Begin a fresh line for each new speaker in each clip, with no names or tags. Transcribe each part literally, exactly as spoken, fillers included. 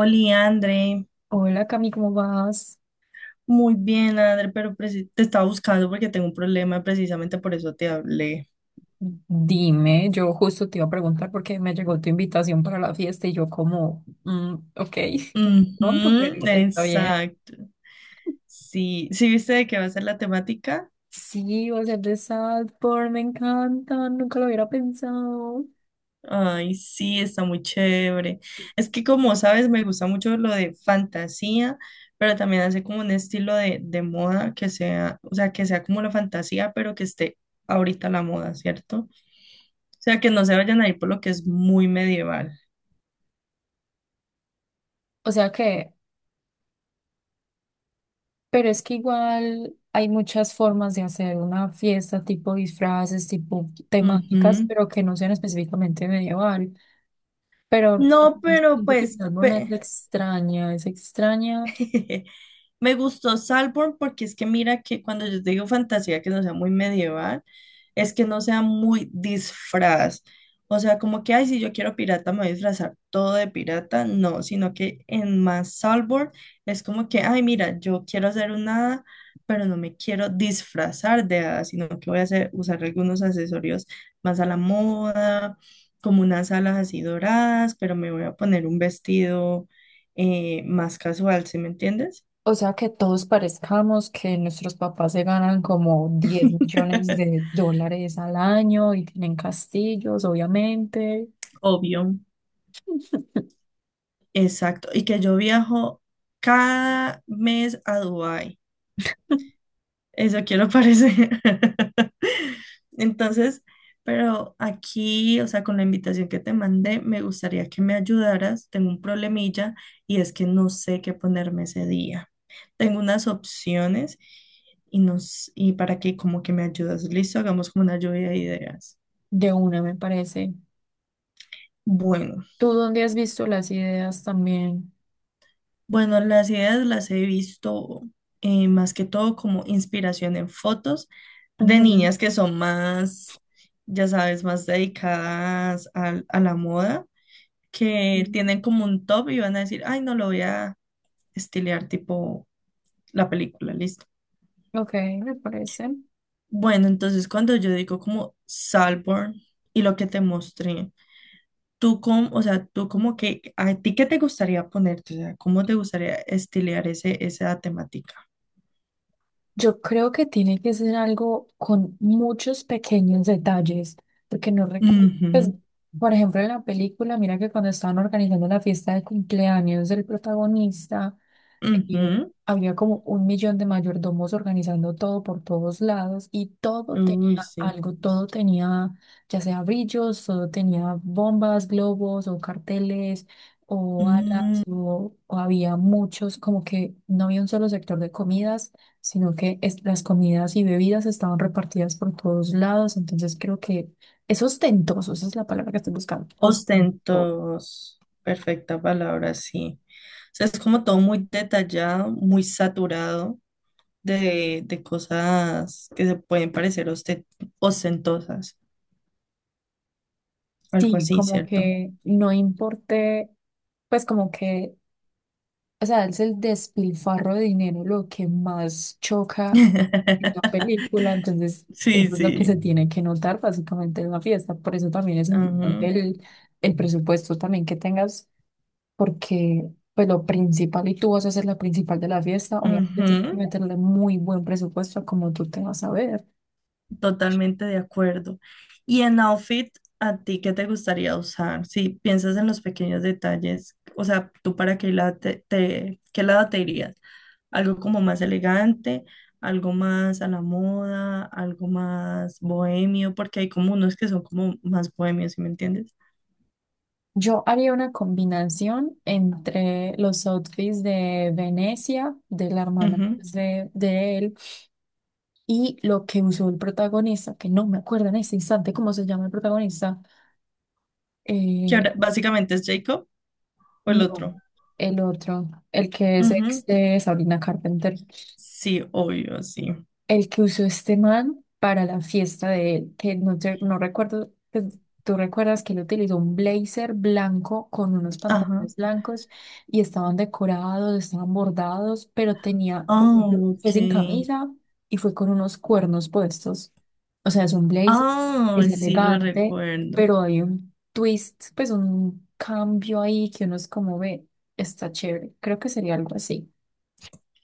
Oli, André,
Hola Cami, ¿cómo vas?
muy bien, André, pero preci- te estaba buscando porque tengo un problema, precisamente por eso te hablé.
Dime, yo justo te iba a preguntar porque me llegó tu invitación para la fiesta y yo como, mm, ok, pronto,
Ujú,
pero está bien.
exacto. Sí, ¿sí viste de qué va a ser la temática?
Sí, va a ser de Salford, me encanta, nunca lo hubiera pensado.
Ay, sí, está muy chévere. Es que como sabes, me gusta mucho lo de fantasía, pero también hace como un estilo de, de moda que sea, o sea, que sea como la fantasía, pero que esté ahorita la moda, ¿cierto? O sea, que no se vayan a ir por lo que es muy medieval.
O sea que, pero es que igual hay muchas formas de hacer una fiesta, tipo disfraces, tipo temáticas,
Ujú.
pero que no sean específicamente medieval. Pero o
No,
sea,
pero
siento que
pues,
el árbol es
pe-
extraña, es extraña.
Me gustó Salborn porque es que mira que cuando yo te digo fantasía que no sea muy medieval, es que no sea muy disfraz. O sea, como que, ay, si yo quiero pirata, me voy a disfrazar todo de pirata. No, sino que en más Salborn es como que, ay, mira, yo quiero hacer un hada, pero no me quiero disfrazar de hada, sino que voy a hacer, usar algunos accesorios más a la moda, como unas alas así doradas, pero me voy a poner un vestido eh, más casual, ¿sí me entiendes?
O sea, que todos parezcamos que nuestros papás se ganan como diez millones de dólares al año y tienen castillos, obviamente.
Obvio. Exacto. Y que yo viajo cada mes a Dubái. Eso quiero parecer. Entonces, pero aquí, o sea, con la invitación que te mandé, me gustaría que me ayudaras. Tengo un problemilla y es que no sé qué ponerme ese día. Tengo unas opciones y, nos, y para que como que me ayudas. Listo, hagamos como una lluvia de ideas.
De una me parece.
Bueno.
¿Tú dónde has visto las ideas también?
Bueno, las ideas las he visto eh, más que todo como inspiración en fotos de
Ujú.
niñas que son más, ya sabes, más dedicadas al- a, la moda, que tienen como un top y van a decir, ay, no lo voy a estilear tipo la película, listo.
Ok, me parece.
Bueno, entonces cuando yo digo como Salborn y lo que te mostré, tú como, o sea, tú como que, ¿a ti qué te gustaría ponerte? O sea, ¿cómo te gustaría estilear ese, esa temática?
Yo creo que tiene que ser algo con muchos pequeños detalles, porque no recuerdo, pues,
Ujú.
por ejemplo, en la película, mira que cuando estaban organizando la fiesta de cumpleaños del protagonista, eh,
Ujú.
había como un millón de mayordomos organizando todo por todos lados y todo tenía
Uy, sí.
algo, todo tenía ya sea brillos, todo tenía bombas, globos o carteles o
Mm,
alas o, o había muchos, como que no había un solo sector de comidas, sino que es- las comidas y bebidas estaban repartidas por todos lados, entonces creo que es ostentoso, esa es la palabra que estoy buscando, ostentoso.
ostentos. Perfecta palabra, sí. O sea, es como todo muy detallado, muy saturado de, de cosas que se pueden parecer oste- ostentosas. Algo
Sí,
así,
como
¿cierto?
que no importe, pues como que o sea, es el despilfarro de dinero lo que más choca en la película, entonces
Sí,
eso es lo que
sí.
se tiene que notar básicamente en la fiesta. Por eso también es importante
Ujú,
el, el presupuesto también que tengas, porque pues lo principal y tú vas a ser la principal de la fiesta, obviamente tienes que
ujú.
meterle muy buen presupuesto a como tú te vas a ver.
Totalmente de acuerdo. Y en outfit, ¿a ti qué te gustaría usar? Si piensas en los pequeños detalles, o sea, ¿tú para qué lado te, te- qué lado te irías? ¿Algo como más elegante, algo más a la moda, algo más bohemio? Porque hay como unos que son como más bohemios, ¿sí me entiendes?
Yo haría una combinación entre los outfits de Venecia, de la hermana
Ujú.
pues, de, de él. Y lo que usó el protagonista, que no me acuerdo en ese instante cómo se llama el protagonista,
Que
eh,
ahora básicamente es Jacob o el
no,
otro.
el otro, el que es ex
Ujú.
de Sabrina Carpenter.
Sí, obvio, sí.
El que usó este man para la fiesta de él, que no, te- no recuerdo, pues, tú recuerdas que él utilizó un blazer blanco con unos
Ajá.
pantalones blancos y estaban decorados, estaban bordados, pero tenía, por
Ah,
ejemplo, fue
ok.
sin camisa y fue con unos cuernos puestos. O sea, es un blazer,
Ah,
es
sí, lo
elegante,
recuerdo.
pero hay un twist, pues un cambio ahí que uno es como ve, está chévere. Creo que sería algo así.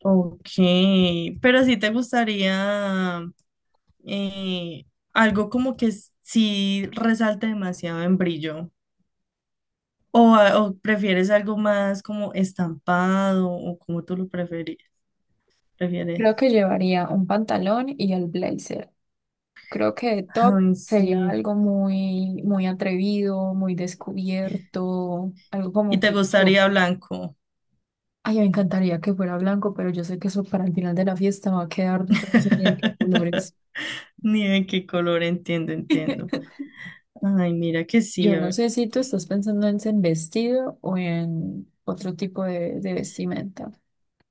Ok, pero si te gustaría eh, algo como que s- sí resalte demasiado en brillo, o, a- o prefieres algo más como estampado, o como tú lo preferi-
Creo
prefieres.
que llevaría un pantalón y el blazer. Creo que top
Ay,
sería
sí.
algo muy, muy atrevido, muy descubierto, algo
Y
como
te
que yo,
gustaría blanco.
ay, me encantaría que fuera blanco, pero yo sé que eso para el final de la fiesta va a quedar, yo no sé ni de qué colores.
Ni de qué color, entiendo, entiendo. Ay, mira que sí.
Yo no
eh.
sé si tú estás pensando en en vestido o en otro tipo de, de vestimenta.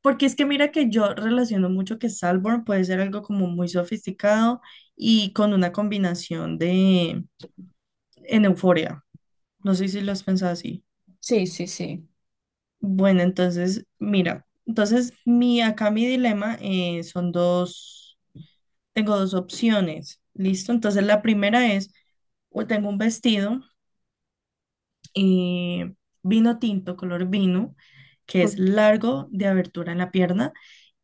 Porque es que mira que yo relaciono mucho que Salborn puede ser algo como muy sofisticado y con una combinación de, en Euforia. No sé si lo has pensado así.
Sí, sí, sí.
Bueno, entonces, mira, entonces mi acá mi dilema eh, son dos, tengo dos opciones, ¿listo? Entonces la primera es, o tengo un vestido eh, vino tinto, color vino, que es
Ujú.
largo de abertura en la pierna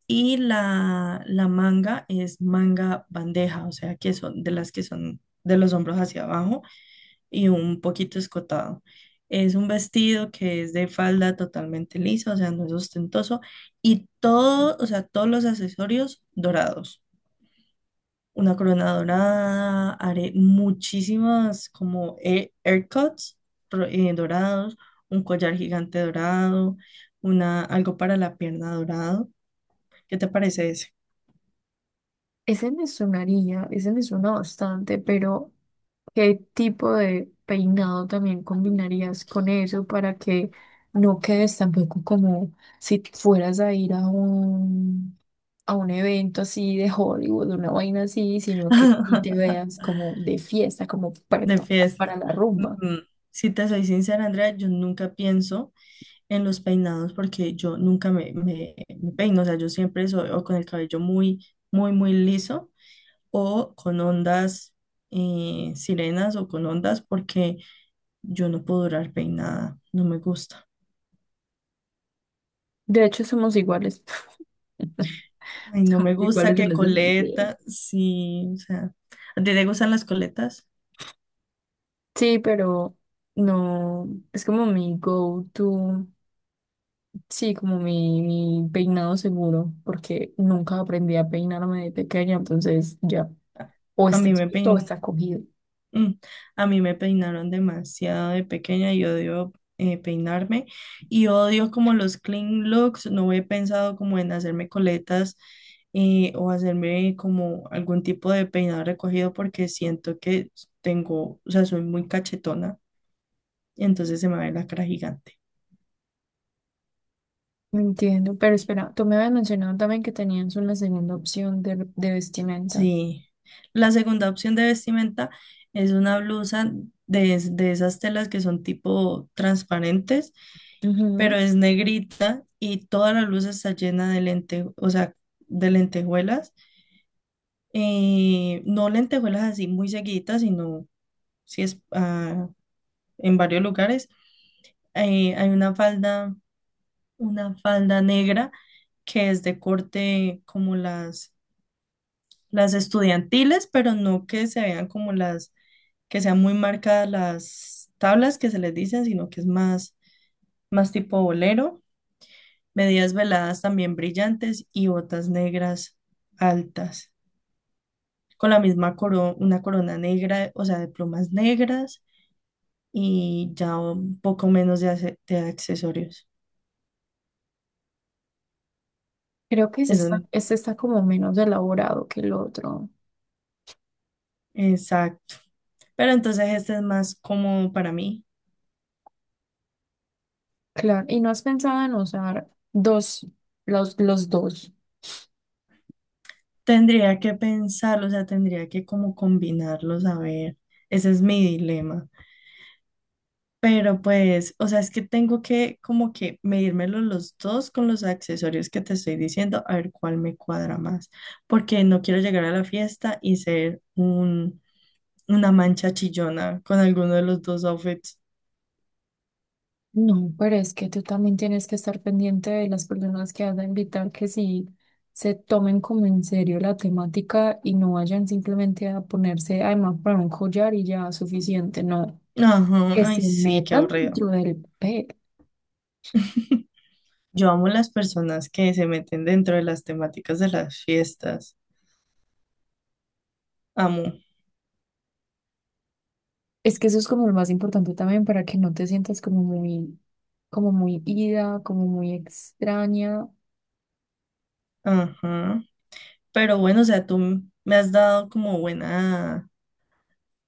y la, la manga es manga bandeja, o sea, que son de las que son de los hombros hacia abajo y un poquito escotado. Es un vestido que es de falda totalmente lisa, o sea, no es ostentoso, y todo, o sea, todos los accesorios dorados. Una corona dorada, haré muchísimas como air- aircuts ro- eh, dorados, un collar gigante dorado, una, algo para la pierna dorado. ¿Qué te parece ese?
Ese me sonaría, ese me suena bastante, pero ¿qué tipo de peinado también combinarías con eso para que no quedes tampoco como si fueras a ir a un, a un evento así de Hollywood, una vaina así, sino que y te veas como de fiesta, como
De
preparada para
fiesta.
la
Mm,
rumba?
mm. Si te soy sincera, Andrea, yo nunca pienso. en los peinados porque yo nunca me, me, me peino, o sea, yo siempre soy o con el cabello muy, muy, muy liso o con ondas eh, sirenas o con ondas porque yo no puedo durar peinada, no me gusta.
De hecho, somos iguales.
Ay, no
Somos
me gusta
iguales en
que
ese sentido.
coleta, sí, o sea, ¿a ti te gustan las coletas?
Sí, pero no, es como mi go-to, sí, como mi, mi peinado seguro, porque nunca aprendí a peinarme de pequeña, entonces ya,
A
o
a mí
está
me pein
suelto o está cogido.
Mm, A mí me peinaron demasiado de pequeña y odio eh, peinarme y odio como los clean looks. No he pensado como en hacerme coletas eh, o hacerme como algún tipo de peinado recogido porque siento que tengo, o sea, soy muy cachetona y entonces se me ve la cara gigante.
Entiendo, pero espera, tú me habías mencionado también que tenías una segunda opción de, de vestimenta.
Sí, la segunda opción de vestimenta es una blusa de, es- de esas telas que son tipo transparentes, pero
Ujú.
es negrita y toda la blusa está llena de lente, o sea, de lentejuelas. eh, no lentejuelas así muy seguiditas, sino si es ah, en varios lugares. Eh, hay una falda, una falda negra que es de corte como las las estudiantiles, pero no que se vean como las, que sean muy marcadas las tablas que se les dicen, sino que es más, más tipo bolero, medias veladas también brillantes y botas negras altas, con la misma corona, una corona negra, o sea, de plumas negras y ya un poco menos de, ace- de accesorios.
Creo que este
Eso,
está, este está como menos elaborado que el otro.
exacto. Pero entonces este es más como para mí.
Claro, y no has pensado en usar dos, los, los dos.
Tendría que pensarlo, o sea, tendría que como combinarlos, a ver, ese es mi dilema. Pero pues, o sea, es que tengo que como que medírmelo los dos con los accesorios que te estoy diciendo, a ver cuál me cuadra más, porque no quiero llegar a la fiesta y ser un, una mancha chillona con alguno de los dos outfits.
No, pero es que tú también tienes que estar pendiente de las personas que vas a invitar, que sí se tomen como en serio la temática y no vayan simplemente a ponerse, además, para un collar y ya suficiente, no,
Ajá,
que
ay,
se
sí, qué
metan
aburrido.
dentro del pe.
Yo amo las personas que se meten dentro de las temáticas de las fiestas. Amo.
Es que eso es como lo más importante también para que no te sientas como muy, como muy ida, como muy extraña.
Ajá. Pero bueno, o sea, tú m- me has dado como buena,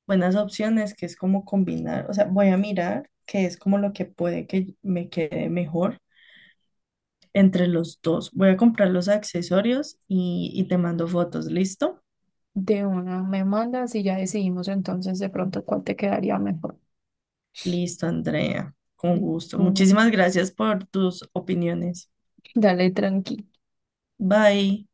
buenas opciones, que es como combinar, o sea, voy a mirar que es como lo que puede que me quede mejor entre los dos. Voy a comprar los accesorios y, y te mando fotos, ¿listo?
De una me mandas y ya decidimos entonces de pronto cuál te quedaría mejor.
Listo, Andrea,
Y
con gusto.
tú,
Muchísimas gracias por tus opiniones.
dale tranqui.
Bye.